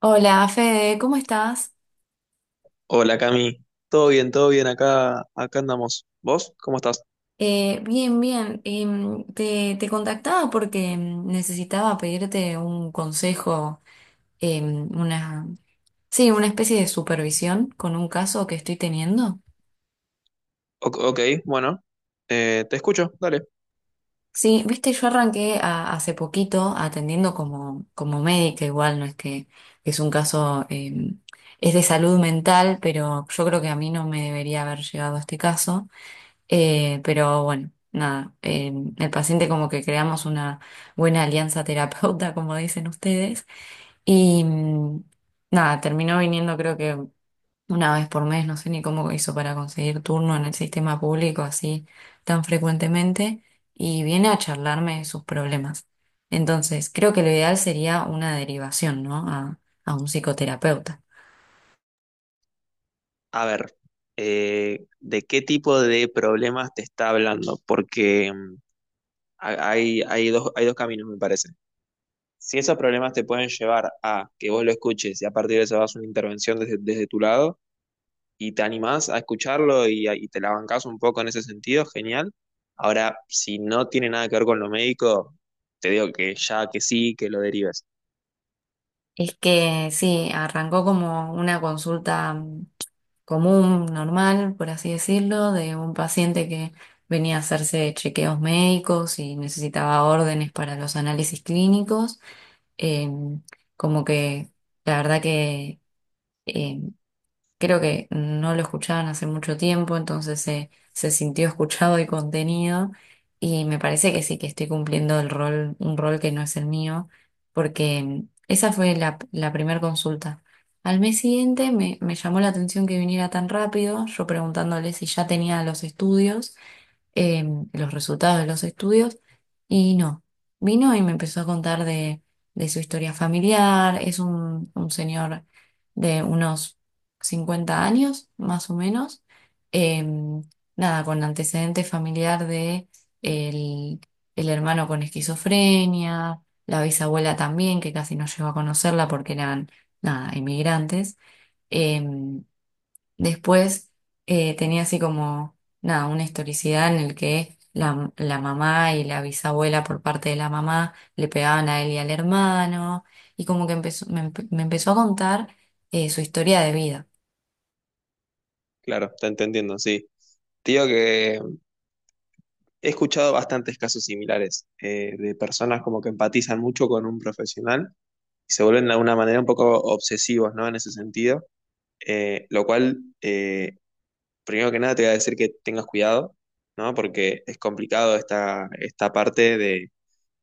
Hola, Fede, ¿cómo estás? Hola Cami, todo bien, acá, acá andamos. ¿Vos? ¿Cómo estás? Bien, bien. Te contactaba porque necesitaba pedirte un consejo, em, una, sí, una especie de supervisión con un caso que estoy teniendo. Ok, bueno, te escucho, dale. Sí, viste, yo hace poquito atendiendo como, como médica, igual no es que es un caso, es de salud mental, pero yo creo que a mí no me debería haber llegado a este caso. Pero bueno, nada, el paciente como que creamos una buena alianza terapeuta, como dicen ustedes, y nada, terminó viniendo creo que una vez por mes, no sé ni cómo hizo para conseguir turno en el sistema público así tan frecuentemente, y viene a charlarme de sus problemas. Entonces, creo que lo ideal sería una derivación, ¿no? A un psicoterapeuta. A ver, ¿de qué tipo de problemas te está hablando? Porque hay dos, hay dos caminos, me parece. Si esos problemas te pueden llevar a que vos lo escuches y a partir de eso hagas una intervención desde tu lado, y te animás a escucharlo y te la bancás un poco en ese sentido, genial. Ahora, si no tiene nada que ver con lo médico, te digo que ya que sí, que lo derives. Es que sí, arrancó como una consulta común, normal, por así decirlo, de un paciente que venía a hacerse chequeos médicos y necesitaba órdenes para los análisis clínicos. Eh, como que la verdad que eh, creo que no lo escuchaban hace mucho tiempo, entonces se sintió escuchado y contenido. Y me parece que sí, que estoy cumpliendo el rol, un rol que no es el mío, porque esa fue la primera consulta. Al mes siguiente me llamó la atención que viniera tan rápido, yo preguntándole si ya tenía los estudios, eh, los resultados de los estudios, y no, vino y me empezó a contar de su historia familiar, es un señor de unos 50 años más o menos, eh, nada, con antecedente familiar de el, el hermano con esquizofrenia, la bisabuela también, que casi no llegó a conocerla porque eran, nada, inmigrantes. Después, tenía así como, nada, una historicidad en el que la mamá y la bisabuela por parte de la mamá le pegaban a él y al hermano, y como que me empezó a contar su historia de vida. Claro, te entendiendo, sí. Te digo que he escuchado bastantes casos similares de personas como que empatizan mucho con un profesional y se vuelven de alguna manera un poco obsesivos, ¿no? En ese sentido. Eh, lo cual, eh, Primero que nada, te voy a decir que tengas cuidado, ¿no? Porque es complicado esta parte de.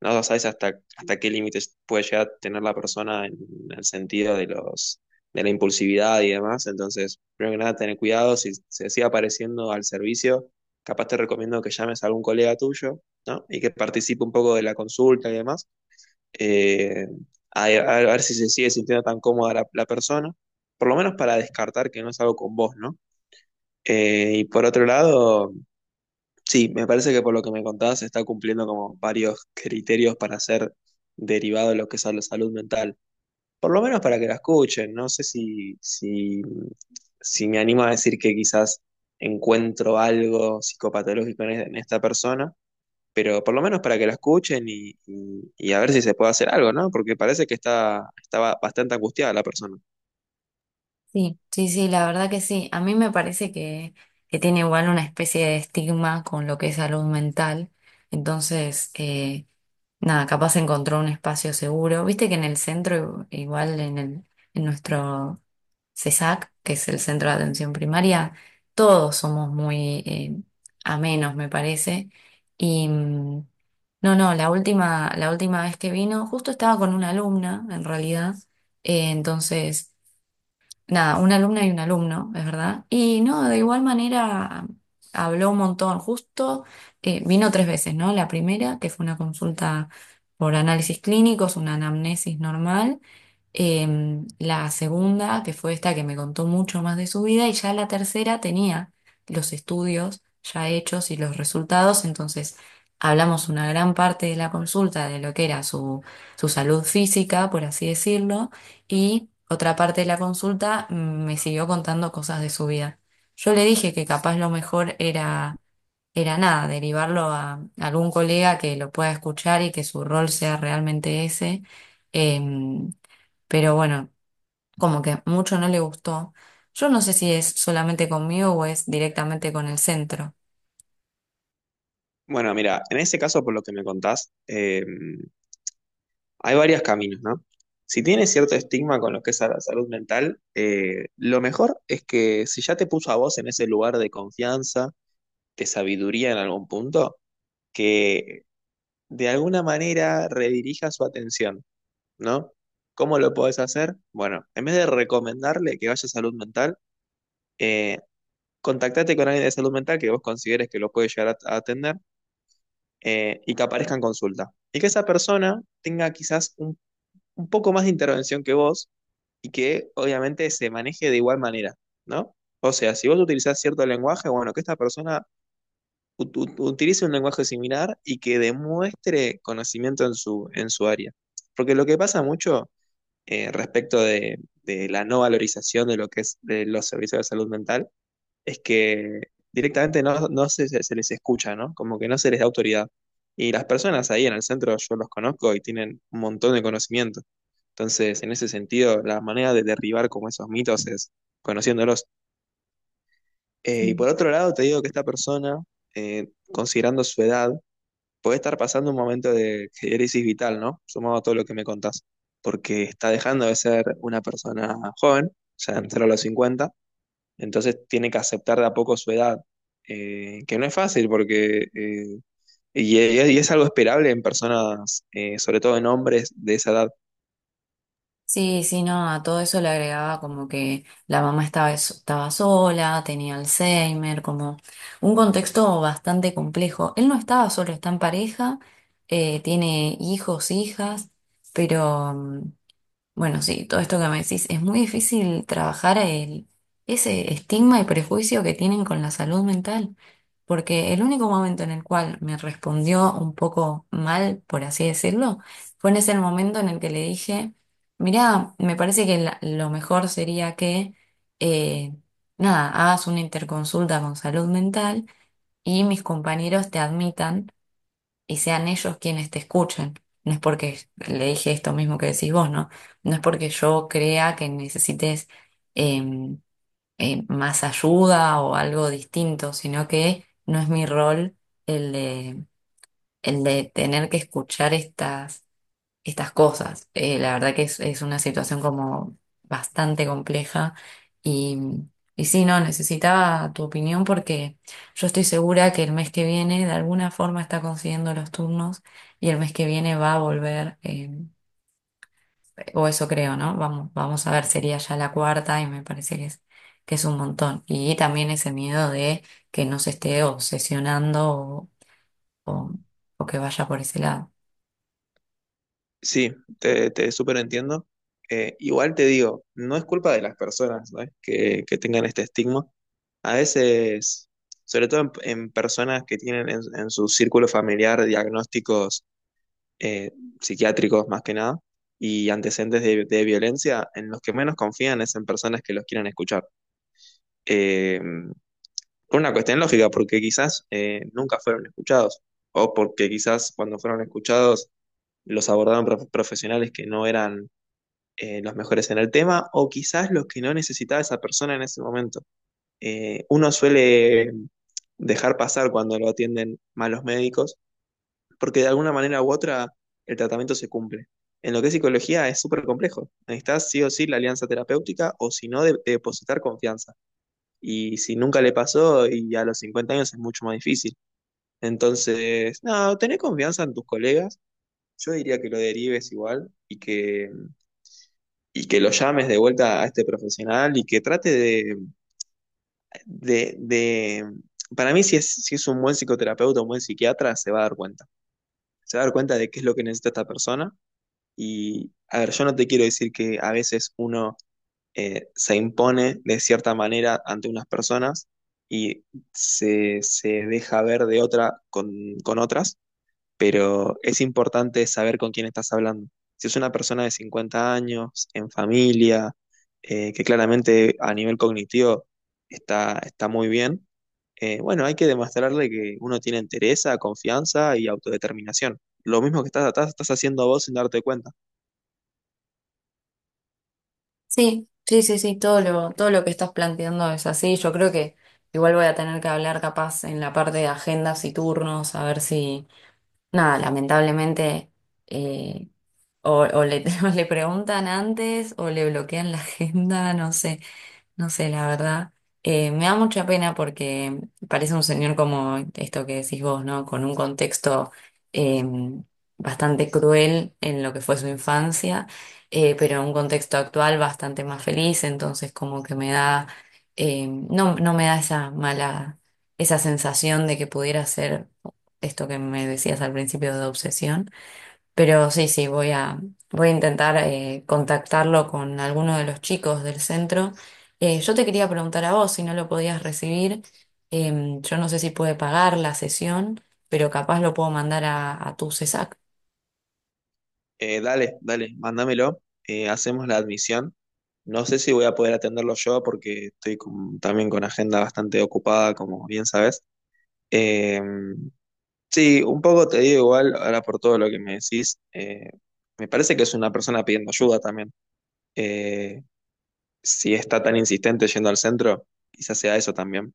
No, no sabes hasta qué límites puede llegar a tener la persona en el sentido de de la impulsividad y demás. Entonces, primero que nada, tener cuidado. Si se sigue apareciendo al servicio, capaz te recomiendo que llames a algún colega tuyo, ¿no? Y que participe un poco de la consulta y demás. Eh, a, a ver si se sigue sintiendo tan cómoda la persona. Por lo menos para descartar que no es algo con vos, ¿no? Y por otro lado. Sí, me parece que por lo que me contabas se está cumpliendo como varios criterios para ser derivado de lo que es la salud mental. Por lo menos para que la escuchen. No sé si, si, Si me animo a decir que quizás encuentro algo psicopatológico en esta persona, pero por lo menos para que la escuchen y a ver si se puede hacer algo, ¿no? Porque parece que estaba bastante angustiada la persona. Sí, sí, sí, la verdad que sí. A mí me parece que tiene igual una especie de estigma con lo que es salud mental. Entonces, nada, capaz encontró un espacio seguro. Viste que en el centro, igual en en nuestro CESAC, que es el Centro de Atención Primaria, todos somos muy amenos, me parece. Y no, no, la última vez que vino, justo estaba con una alumna, en realidad. Entonces nada, una alumna y un alumno, es verdad. Y no, de igual manera habló un montón, justo vino tres veces, ¿no? La primera, que fue una consulta por análisis clínicos, una anamnesis normal. La segunda, que fue esta que me contó mucho más de su vida, y ya la tercera tenía los estudios ya hechos y los resultados, entonces hablamos una gran parte de la consulta de lo que era su salud física, por así decirlo, y otra parte de la consulta, me siguió contando cosas de su vida. Yo le dije que capaz lo mejor era nada, derivarlo a algún colega que lo pueda escuchar y que su rol sea realmente ese. Em, pero bueno, como que mucho no le gustó. Yo no sé si es solamente conmigo o es directamente con el centro. Bueno, mira, en ese caso, por lo que me contás, hay varios caminos, ¿no? Si tienes cierto estigma con lo que es la salud mental, lo mejor es que si ya te puso a vos en ese lugar de confianza, de sabiduría en algún punto, que de alguna manera redirija su atención, ¿no? ¿Cómo lo podés hacer? Bueno, en vez de recomendarle que vaya a salud mental, eh, contactate con alguien de salud mental que vos consideres que lo puede llegar a atender y que aparezca en consulta. Y que esa persona tenga quizás un poco más de intervención que vos y que obviamente se maneje de igual manera, ¿no? O sea, si vos utilizás cierto lenguaje, bueno, que esta persona utilice un lenguaje similar y que demuestre conocimiento en su área. Porque lo que pasa mucho respecto de la no valorización de lo que es de los servicios de salud mental es que directamente no se, se se les escucha, ¿no? Como que no se les da autoridad. Y las personas ahí en el centro yo los conozco y tienen un montón de conocimiento. Entonces, en ese sentido, la manera de derribar como esos mitos es conociéndolos. Y por otro lado, te digo que esta persona, considerando su edad, puede estar pasando un momento de crisis vital, ¿no? Sumado a todo lo que me contás, porque está dejando de ser una persona joven, o sea, entrar a los cincuenta, entonces tiene que aceptar de a poco su edad, que no es fácil porque... y es algo esperable en personas, sobre todo en hombres de esa edad. Sí, sí, no, a todo eso le agregaba como que la mamá estaba sola, tenía Alzheimer, como un contexto bastante complejo. Él no estaba solo, está en pareja, tiene hijos, hijas, pero bueno, sí, todo esto que me decís, es muy difícil trabajar ese estigma y prejuicio que tienen con la salud mental, porque el único momento en el cual me respondió un poco mal, por así decirlo, fue en ese momento en el que le dije, mirá, me parece que lo mejor sería que, eh, nada, hagas una interconsulta con salud mental y mis compañeros te admitan y sean ellos quienes te escuchen. No es porque le dije esto mismo que decís vos, ¿no? No es porque yo crea que necesites em, más ayuda o algo distinto, sino que no es mi rol el de, el de tener que escuchar estas cosas. La verdad que es una situación como bastante compleja y, y sí, no, necesitaba tu opinión porque yo estoy segura que el mes que viene de alguna forma está consiguiendo los turnos y el mes que viene va a volver, o eso creo, ¿no? Vamos, vamos a ver, sería ya la cuarta y me parece que es un montón. Y también ese miedo de que no se esté obsesionando o, o o que vaya por ese lado. Sí, te súper entiendo. Igual te digo, no es culpa de las personas, ¿no? Que tengan este estigma. A veces, en personas que tienen en su círculo familiar diagnósticos eh, psiquiátricos más que nada y antecedentes de violencia, en los que menos confían es en personas que los quieran escuchar. Eh, por una cuestión lógica, porque quizás nunca fueron escuchados o porque quizás cuando fueron escuchados los abordaron profesionales que no eran los mejores en el tema o quizás los que no necesitaba esa persona en ese momento. Uno suele dejar pasar cuando lo atienden malos médicos porque de alguna manera u otra el tratamiento se cumple. En lo que es psicología es súper complejo. Necesitas sí o sí la alianza terapéutica o si no de depositar confianza. Y si nunca le pasó y a los 50 años es mucho más difícil. Entonces, no, tener confianza en tus colegas. Yo diría que lo derives igual y que lo llames de vuelta a este profesional y que trate de, de- para mí si es un buen psicoterapeuta, un buen psiquiatra, se va a dar cuenta. Se va a dar cuenta de qué es lo que necesita esta persona. Y, a ver, yo no te quiero decir que a veces uno se impone de cierta manera ante unas personas y se deja ver de otra con otras, pero es importante saber con quién estás hablando. Si es una persona de 50 años, en familia, que claramente a nivel cognitivo está muy bien, bueno, hay que demostrarle que uno tiene entereza, confianza y autodeterminación. Lo mismo que estás haciendo vos sin darte cuenta. Sí, sí, sí, sí, todo lo que estás planteando es así. Yo creo que igual voy a tener que hablar capaz en la parte de agendas y turnos, a ver si, nada, lamentablemente, eh, o le, o le preguntan antes o le bloquean la agenda, no sé. No sé, la verdad. Me da mucha pena porque parece un señor como esto que decís vos, ¿no? Con un contexto eh, bastante cruel en lo que fue su infancia, pero en un contexto actual bastante más feliz, entonces como que me da, no, no me da esa mala, esa sensación de que pudiera ser esto que me decías al principio de obsesión. Pero sí, sí, voy a intentar contactarlo con alguno de los chicos del centro. Yo te quería preguntar a vos si no lo podías recibir. Yo no sé si puede pagar la sesión, pero capaz lo puedo mandar a tu CESAC. Dale, dale, mándamelo, hacemos la admisión. No sé si voy a poder atenderlo yo porque estoy también con agenda bastante ocupada, como bien sabes. Eh, Sí, un poco te digo igual, ahora por todo lo que me decís, me parece que es una persona pidiendo ayuda también. Eh, si está tan insistente yendo al centro, quizás sea eso también.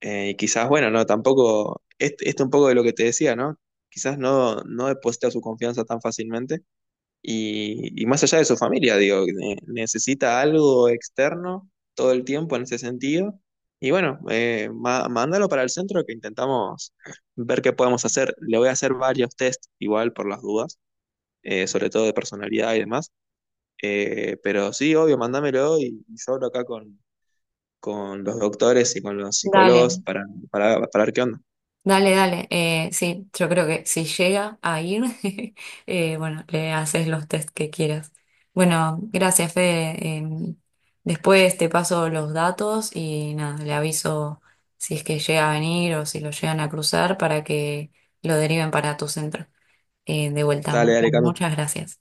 Y quizás, bueno, no, tampoco, esto un poco de lo que te decía, ¿no? Quizás no deposita su confianza tan fácilmente y más allá de su familia, digo, necesita algo externo todo el tiempo en ese sentido. Y bueno, mándalo para el centro que intentamos ver qué podemos hacer. Le voy a hacer varios test igual por las dudas, sobre todo de personalidad y demás. Pero sí, obvio, mándamelo y yo hablo acá con los doctores y con los Dale, psicólogos para ver qué onda. dale. Sí, yo creo que si llega a ir, bueno, le haces los test que quieras. Bueno, gracias, Fede. Después te paso los datos y nada, le aviso si es que llega a venir o si lo llegan a cruzar para que lo deriven para tu centro. De vuelta, Dale, dale, muchas, Cami. muchas gracias.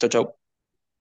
Chau, chau.